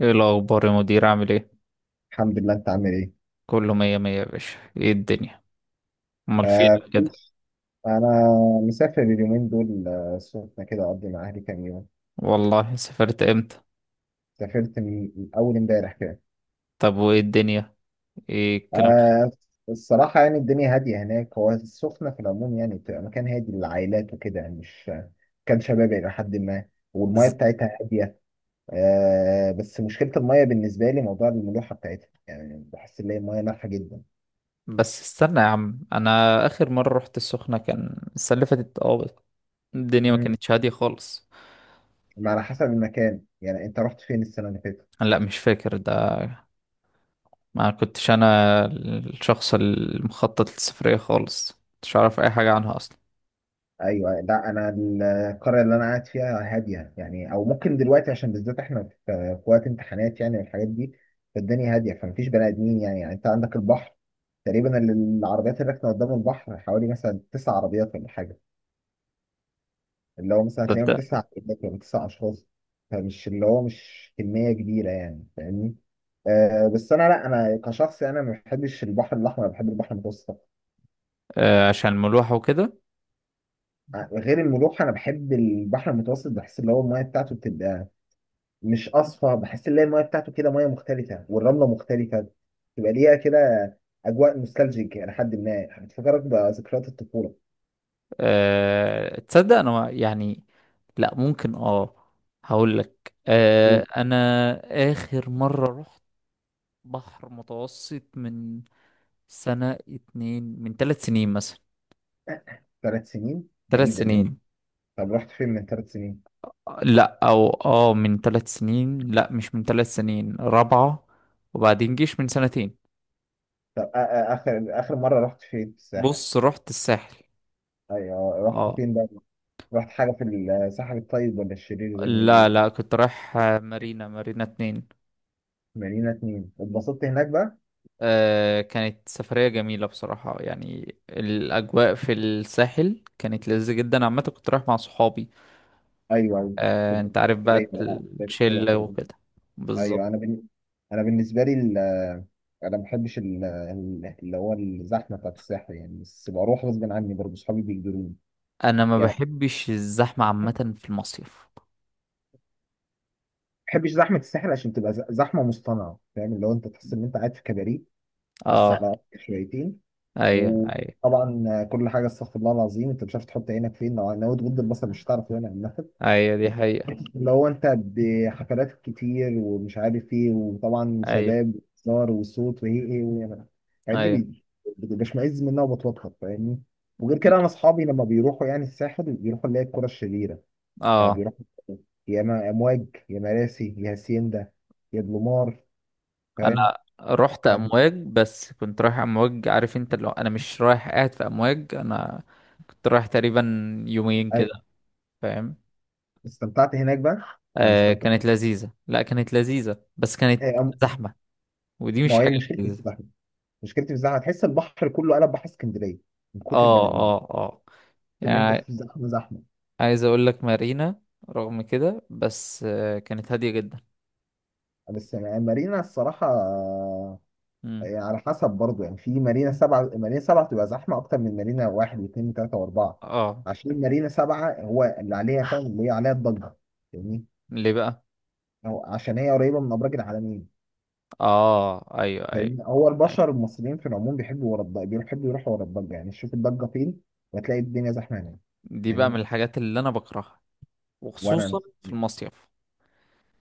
ايه الاخبار يا مدير، عامل ايه؟ الحمد لله، انت عامل ايه؟ كله مية مية يا باشا. ايه الدنيا؟ امال فين آه. كده؟ انا مسافر اليومين دول، السخنة كده اقضي مع اهلي كام يوم. والله سافرت امتى؟ سافرت من اول امبارح كده. طب وايه الدنيا؟ ايه الكلام؟ آه. الصراحة يعني الدنيا هادية هناك، هو السخنة في العموم يعني بتبقى مكان هادي للعائلات وكده، يعني مش كان شبابي إلى حد ما، والمية ز... بتاعتها هادية. آه، بس مشكلة المية بالنسبة لي موضوع الملوحة بتاعتها، يعني بحس ان هي المية مالحة جدا. بس استنى يا عم، انا اخر مرة رحت السخنة كان السنة اللي فاتت، بس الدنيا ما مم. كانتش هادية خالص. على حسب المكان، يعني انت رحت فين السنة اللي فاتت؟ لا، مش فاكر ده، ما كنتش انا الشخص المخطط للسفرية خالص، مش عارف اي حاجة عنها اصلا. ايوه. لا انا القريه اللي انا قاعد فيها هاديه يعني، او ممكن دلوقتي عشان بالذات احنا في وقت امتحانات يعني والحاجات دي، فالدنيا هاديه فمفيش بني ادمين يعني، يعني انت عندك البحر. تقريبا العربيات اللي راكنه قدام البحر حوالي مثلا 9 عربيات ولا حاجه، اللي هو مثلا هتلاقيهم تصدق. 9 عربيات ولا 9 اشخاص. فمش اللي هو مش كميه كبيره يعني، فاهمني. آه بس انا، لا انا كشخص انا ما بحبش البحر الاحمر، أنا بحب البحر المتوسط آه، عشان ملوحة وكده. أكتر. غير الملوحه، انا بحب البحر المتوسط، بحس اللي هو الميه بتاعته بتبقى مش اصفى، بحس ان هي المايه بتاعته كده مايه مختلفه والرمله مختلفه، تبقى ليها كده اجواء نوستالجيك الى حد ما، بتفكرك بذكريات الطفوله. تصدق انا يعني، لا ممكن هقول لك، انا اخر مرة رحت بحر متوسط من سنة اتنين، من 3 سنين مثلا. وثلاث سنين ثلاث بعيده دي. سنين طب رحت فين من 3 سنين؟ لا او من 3 سنين، لا مش من 3 سنين، رابعة. وبعدين جيش من سنتين. طب اخر اخر مره رحت فين في الساحل؟ بص، رحت الساحل. ايوه، رحت اه. فين بقى؟ رحت حاجه في الساحل الطيب ولا الشرير زي ما بيقولوا؟ لا لا، كنت رايح مارينا اتنين. مارينا 2، اتبسطت هناك بقى؟ كانت سفرية جميلة بصراحة، يعني الأجواء في الساحل كانت لذيذة جدا عامة، كنت رايح مع صحابي. ايوه أيوة. كده، أنت عارف زي بقى ما كده، الشلة كده. وكده. ايوه بالظبط. انا بالنسبه لي ال... انا ما بحبش اللي هو الزحمه بتاعت الساحل يعني، بس بروح غصب عني برضه، اصحابي بيجبروني. أنا ما يعني ما بحبش الزحمة عامة في المصيف. بحبش زحمه الساحل عشان تبقى زحمه مصطنعه، فاهم اللي هو انت تحس ان انت قاعد في كباريه بس اه. على قد شويتين. أيوه، أيوه. وطبعا كل حاجه استغفر الله العظيم، انت مش عارف تحط عينك فين، لو ناوي تغض البصر مش هتعرف يعني. أيوه دي حقيقة. اللي هو انت بحفلات كتير ومش عارف ايه، وطبعا أيوه، شباب وهزار وصوت وايه ايه وايه. الحاجات دي أيوه. بشمئز منها وبتوتر، فاهمني. وغير كده انا اصحابي لما بيروحوا يعني الساحل بيروحوا اللي هي الكرة الشريرة، يعني اه. بيروحوا يا اما امواج يا مراسي يا هاسيندا يا بلومار، فاهم؟ أنا رحت فب- أمواج، بس كنت رايح أمواج، عارف أنت اللي هو أنا مش رايح قاعد في أمواج، أنا كنت رايح تقريبا يومين كده، ايوه. فاهم. استمتعت هناك بقى؟ انا استمتعت. كانت لذيذة، لا كانت لذيذة بس إيه، كانت زحمة، ودي ما مش هي حاجة مشكلتي في لذيذة. الزحمه. مشكلتي في الزحمه تحس البحر كله قلب بحر اسكندريه من كتر البني اه، ادمين، اه، اه. ان انت يعني في زحمه زحمه. عايز اقول لك مارينا، رغم كده، بس كانت هادية جدا. بس يعني مارينا الصراحة، مم. يعني على حسب برضه، يعني في مارينا 7، مارينا سبعة بتبقى زحمة أكتر من مارينا 1 و2 و3 و4، اه. عشان مارينا 7 هو اللي عليها، فاهم اللي هي عليها الضجة؟ فاهمني، ليه بقى؟ أو عشان هي قريبة من أبراج العالمين. اه، ايوه، ايوه. فاهمني، هو ايوه، البشر المصريين في العموم بيحبوا ورا الضجة، بيحبوا يروحوا ورا الضجة، يعني تشوف الضجة فين وتلاقي الدنيا زحمة هناك. دي بقى من فاهمني. الحاجات اللي انا بكرهها، وأنا وخصوصا في المصيف.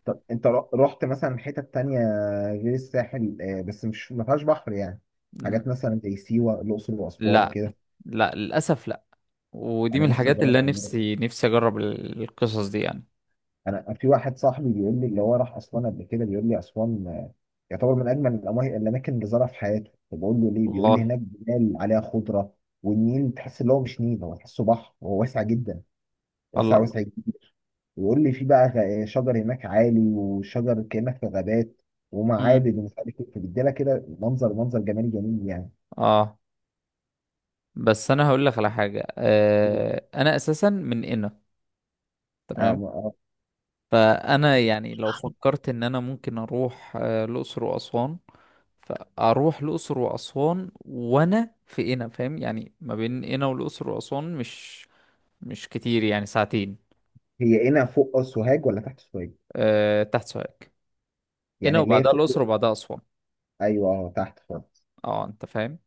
طب أنت رحت، رحت مثلا حتت تانية غير الساحل، آه، بس مش ما فيهاش بحر يعني، ل- حاجات مثلا زي سيوة، الأقصر وأسوان لا كده؟ لا، للاسف لا. ودي من انا نفسي الحاجات اللي اجربها انا برضه. نفسي اجرب القصص دي يعني. انا في واحد صاحبي بيقول لي اللي هو راح اسوان قبل كده، بيقول لي اسوان آه، يعتبر من اجمل الاماكن اللي زارها في حياته. فبقول له ليه، بيقول لي والله. هناك جبال عليها خضره، والنيل تحس اللي هو مش نيل، هو تحسه بحر، وهو واسع جدا، الله واسع الله. واسع جدا. ويقول لي في بقى شجر هناك عالي، وشجر كانك في غابات، مم. ومعابد ومش عارف ايه، فبيديلك كده منظر، منظر جمالي جميل يعني. اه بس انا هقول لك على حاجه، انا اساسا من قنا. آه، تمام. آه. فانا يعني لو فكرت ان انا ممكن اروح، الاقصر واسوان، فاروح الاقصر واسوان وانا في قنا، فاهم يعني ما بين قنا والاقصر واسوان مش كتير، يعني ساعتين. هي هنا فوق سوهاج ولا تحت سوهاج؟ أه، تحت سوهاج. قنا يعني اللي هي وبعدها الاقصر فوق؟ وبعدها اسوان. ايوه، آه، تحت خالص. اه انت فاهم،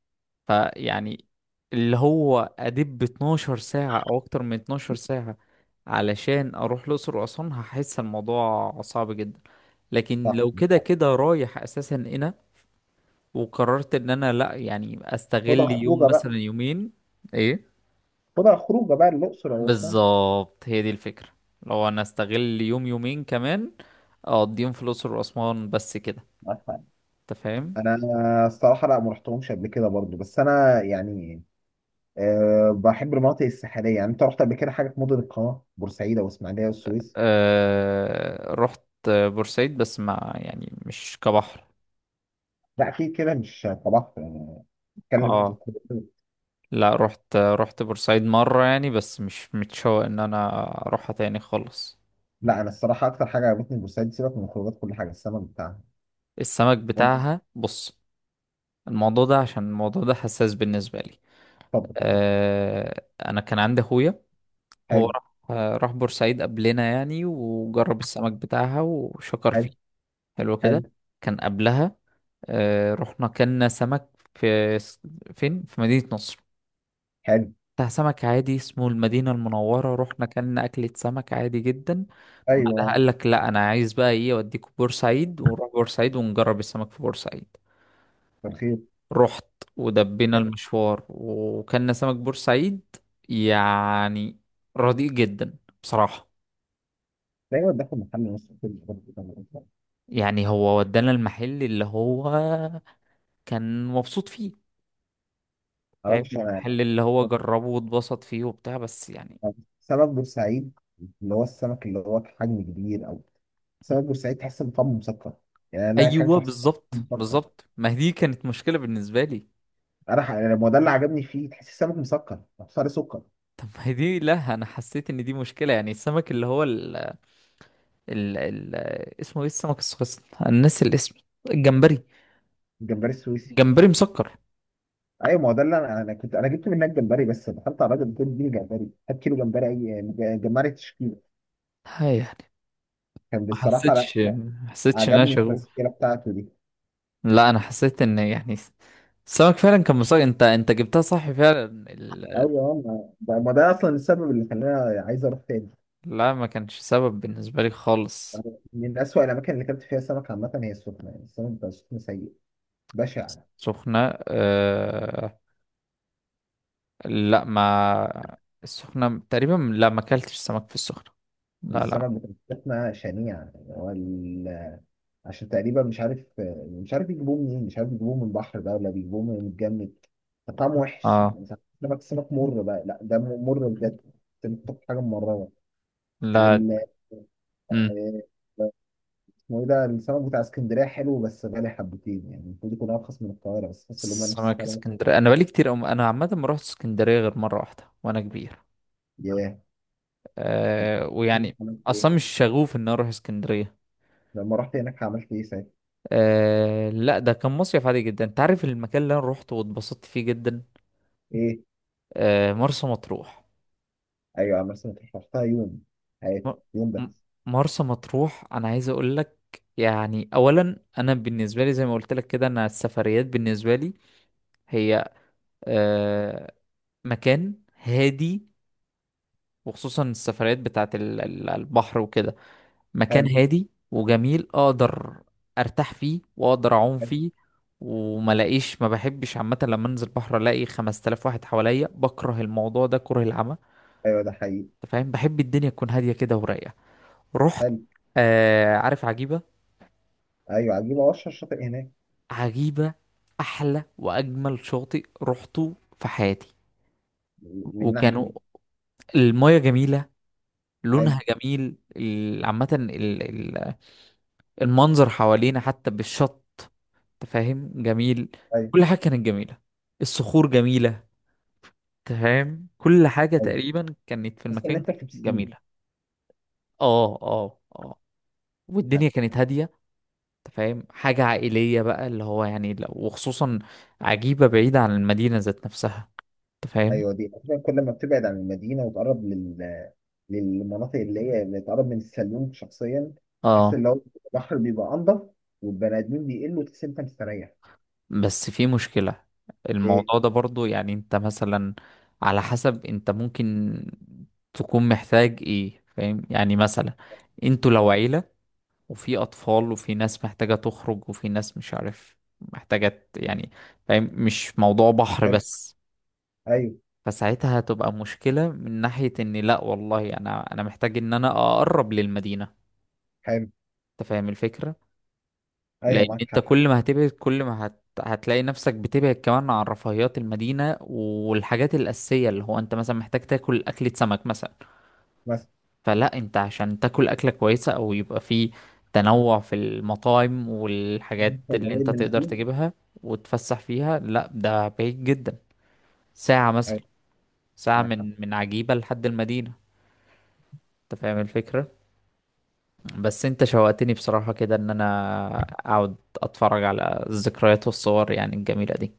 فيعني اللي هو ادب 12 ساعة او اكتر من 12 ساعة علشان اروح الاقصر واسوان، هحس الموضوع صعب جدا. لكن صح، لو كده صح. كده رايح اساسا هنا، وقررت ان انا، لا يعني، خدها استغل يوم خروجه بقى. مثلا، يومين. ايه. خدها خروجه بقى الاقصر او اسوان. بالظبط، هي دي الفكرة. لو انا استغل يوم يومين كمان، اقضيهم في الاقصر واسوان بس كده، معاك حق. انت فاهم. انا الصراحه لا ما رحتهمش قبل كده برضو، بس انا يعني أه بحب المناطق الساحليه. يعني انت رحت قبل كده حاجه في مدن القناه، بورسعيد او اسماعيليه والسويس؟ أه، رحت بورسعيد بس ما يعني مش كبحر. لا اكيد كده مش طبعت يعني. اتكلم في اه، الخروجات. لا، رحت بورسعيد مرة يعني، بس مش متشوق ان انا اروحها تاني خالص. لا انا الصراحه اكتر حاجه عجبتني في بورسعيد، سيبك من الخروجات، كل حاجه السمك بتاعها. السمك مد- بتاعها، بص، الموضوع ده عشان الموضوع ده حساس بالنسبة لي. طب، انا كان عندي اخويا، هو حلو، راح بورسعيد قبلنا يعني، وجرب السمك بتاعها وشكر فيه. حلو. حلو حلو. كده، كان قبلها. رحنا كنا سمك في فين، في مدينة نصر، حلو. بتاع سمك عادي اسمه المدينة المنورة. رحنا كلنا أكلة سمك عادي جدا. بعدها ايوه. قال لك لا، أنا عايز بقى إيه، أوديكوا بورسعيد، ونروح بورسعيد ونجرب السمك في بورسعيد. بالخير. رحت، ودبينا حلو. المشوار، وكلنا سمك بورسعيد، يعني رديء جدا بصراحة. دايما داخل محل نص كل ما يعني هو ودانا المحل اللي هو كان مبسوط فيه، فاهم اعرفش انا. المحل اللي هو جربه واتبسط فيه وبتاع، بس يعني. سمك بورسعيد اللي هو السمك اللي هو حجم كبير او سمك بورسعيد، تحس ان طعمه مسكر، يعني انا ايوه، اكلته حسيت إنه بالظبط مسكر. بالظبط، ما هي دي كانت مشكلة بالنسبة لي. يعني ما هو ده اللي عجبني فيه، تحس السمك مسكر، صار سكر. طب ما هي دي، لا انا حسيت ان دي مشكلة، يعني السمك اللي هو ال... ال... اسمه ايه السمك الصغير، انا ناسي الاسم. الجمبري. الجمبري السويسي. جمبري مسكر. ايوه ما هو ده اللي انا، انا كنت انا جبت منك جمبري، بس دخلت على الراجل قلت له اديني جمبري، هات كيلو جمبري اي جمبري تشكيله. هاي يعني، كان ما بصراحه لا، حسيتش ما حسيتش ان انا عجبني شغوف. التسكيله بتاعته دي. لا انا حسيت ان يعني السمك فعلا كان مسكر، انت جبتها صح فعلا ايوه ما ده ما ده اصلا السبب اللي خلاني عايز اروح تاني. لا ما كانش سبب بالنسبة لي خالص. من اسوأ الاماكن اللي اكلت فيها سمك عامه هي السخنه، يعني السمك بتاع السخنه سيء، بشع. سخنة. أه... لا ما. السخنة تقريبا، لا ما اكلتش سمك في السخنة. لا بس لا. انا بتاعتنا شنيعه، يعني هو عشان تقريبا مش عارف، مش عارف يجيبوه منين، مش عارف يجيبوه من البحر بقى ولا بيجيبوه من الجمد، طعمه وحش اه. يعني، ساعات سمك، سمك مر بقى، لا ده مر بجد، انت بتاكل حاجه ممرره. لا. وال مم. آه، اسمه ايه ده، السمك بتاع اسكندريه حلو بس غالي حبتين، يعني المفروض يكون ارخص من القاهره بس تحس ان هم نفس سمك السعر. اسكندرية، انا بقالي كتير، انا عامة ما رحت اسكندرية غير مرة واحدة وانا كبير. ياه. ويعني عملت ايه؟ اصلا مش شغوف ان أنا اروح اسكندرية. لما رحت هناك عملت ايه ساعتها؟ لا ده كان مصيف عادي جدا، انت عارف المكان اللي انا روحته واتبسطت فيه جدا. ايه؟ مرسى مطروح. ايوه، عملت سمك. رحتها يوم م... حياتي، يوم م- بس. مرسى مطروح انا عايز اقول لك، يعني اولا انا بالنسبة لي، زي ما قلت لك كده، انا السفريات بالنسبة لي هي، أه... مكان هادي، وخصوصا السفريات بتاعت البحر وكده، مكان حلو. هادي وجميل، اقدر ارتاح فيه واقدر اعوم حلو. فيه، وما لاقيش. ما بحبش عامه لما انزل بحر الاقي 5000 واحد حواليا، بكره الموضوع ده كره العمى، ايوه، ده حقيقي. انت فاهم. بحب الدنيا تكون هاديه كده ورايقه. رحت حلو. عارف عجيبه. ايوه، عجيبه اشهر شاطئ هناك. عجيبه احلى واجمل شاطئ رحته في حياتي. من وكانوا، ناحيه. المايه جميله، حلو. لونها جميل عامه ال- المنظر حوالينا حتى بالشط، انت فاهم، جميل. ايوه. كل حاجة كانت جميلة، الصخور جميلة، انت فاهم، كل حاجة ايوه، تقريبا كانت في بس ان المكان انت في بسين. جميلة. اه، اه، اه. والدنيا كانت هادية، انت فاهم، حاجة عائلية بقى، اللي هو يعني لو، وخصوصا عجيبة بعيدة عن المدينة ذات نفسها، انت فاهم. ايوه دي أصلاً كل ما بتبعد عن المدينه وتقرب لل، للمناطق اللي هي اللي تقرب من السلوم شخصيا، تحس اه. ان هو البحر بيبقى انضف، والبني ادمين بيقلوا، تحس إن انت مستريح. بس في مشكلة، ايه. الموضوع ده برضو، يعني انت مثلا، على حسب، انت ممكن تكون محتاج ايه، فاهم يعني، مثلا انتوا لو عيلة، وفي أطفال، وفي ناس محتاجة تخرج، وفي ناس مش عارف محتاجة يعني، فاهم، مش موضوع بحر حلو. بس. ايوه. فساعتها هتبقى مشكلة من ناحية، إن لأ والله، أنا محتاج إن أنا أقرب للمدينة. حلو. أنت فاهم الفكرة؟ ايوه، لأن معاك أنت حق. كل ما هتبعد، كل ما هتلاقي نفسك بتبعد كمان عن رفاهيات المدينة والحاجات الأساسية، اللي هو أنت مثلا محتاج تاكل أكلة سمك مثلا، مثلا فلا انت، عشان تاكل اكله كويسه، او يبقى في تنوع في المطاعم والحاجات اللي قريب انت من تقدر البسين. تجيبها وتفسح فيها، لا ده بعيد جدا، ساعه مثلا، ايوه، ساعه معاك من حق. من عجيبه لحد المدينه، انت فاهم الفكره. بس انت شوقتني بصراحه كده، ان انا اقعد اتفرج على الذكريات والصور يعني الجميله دي.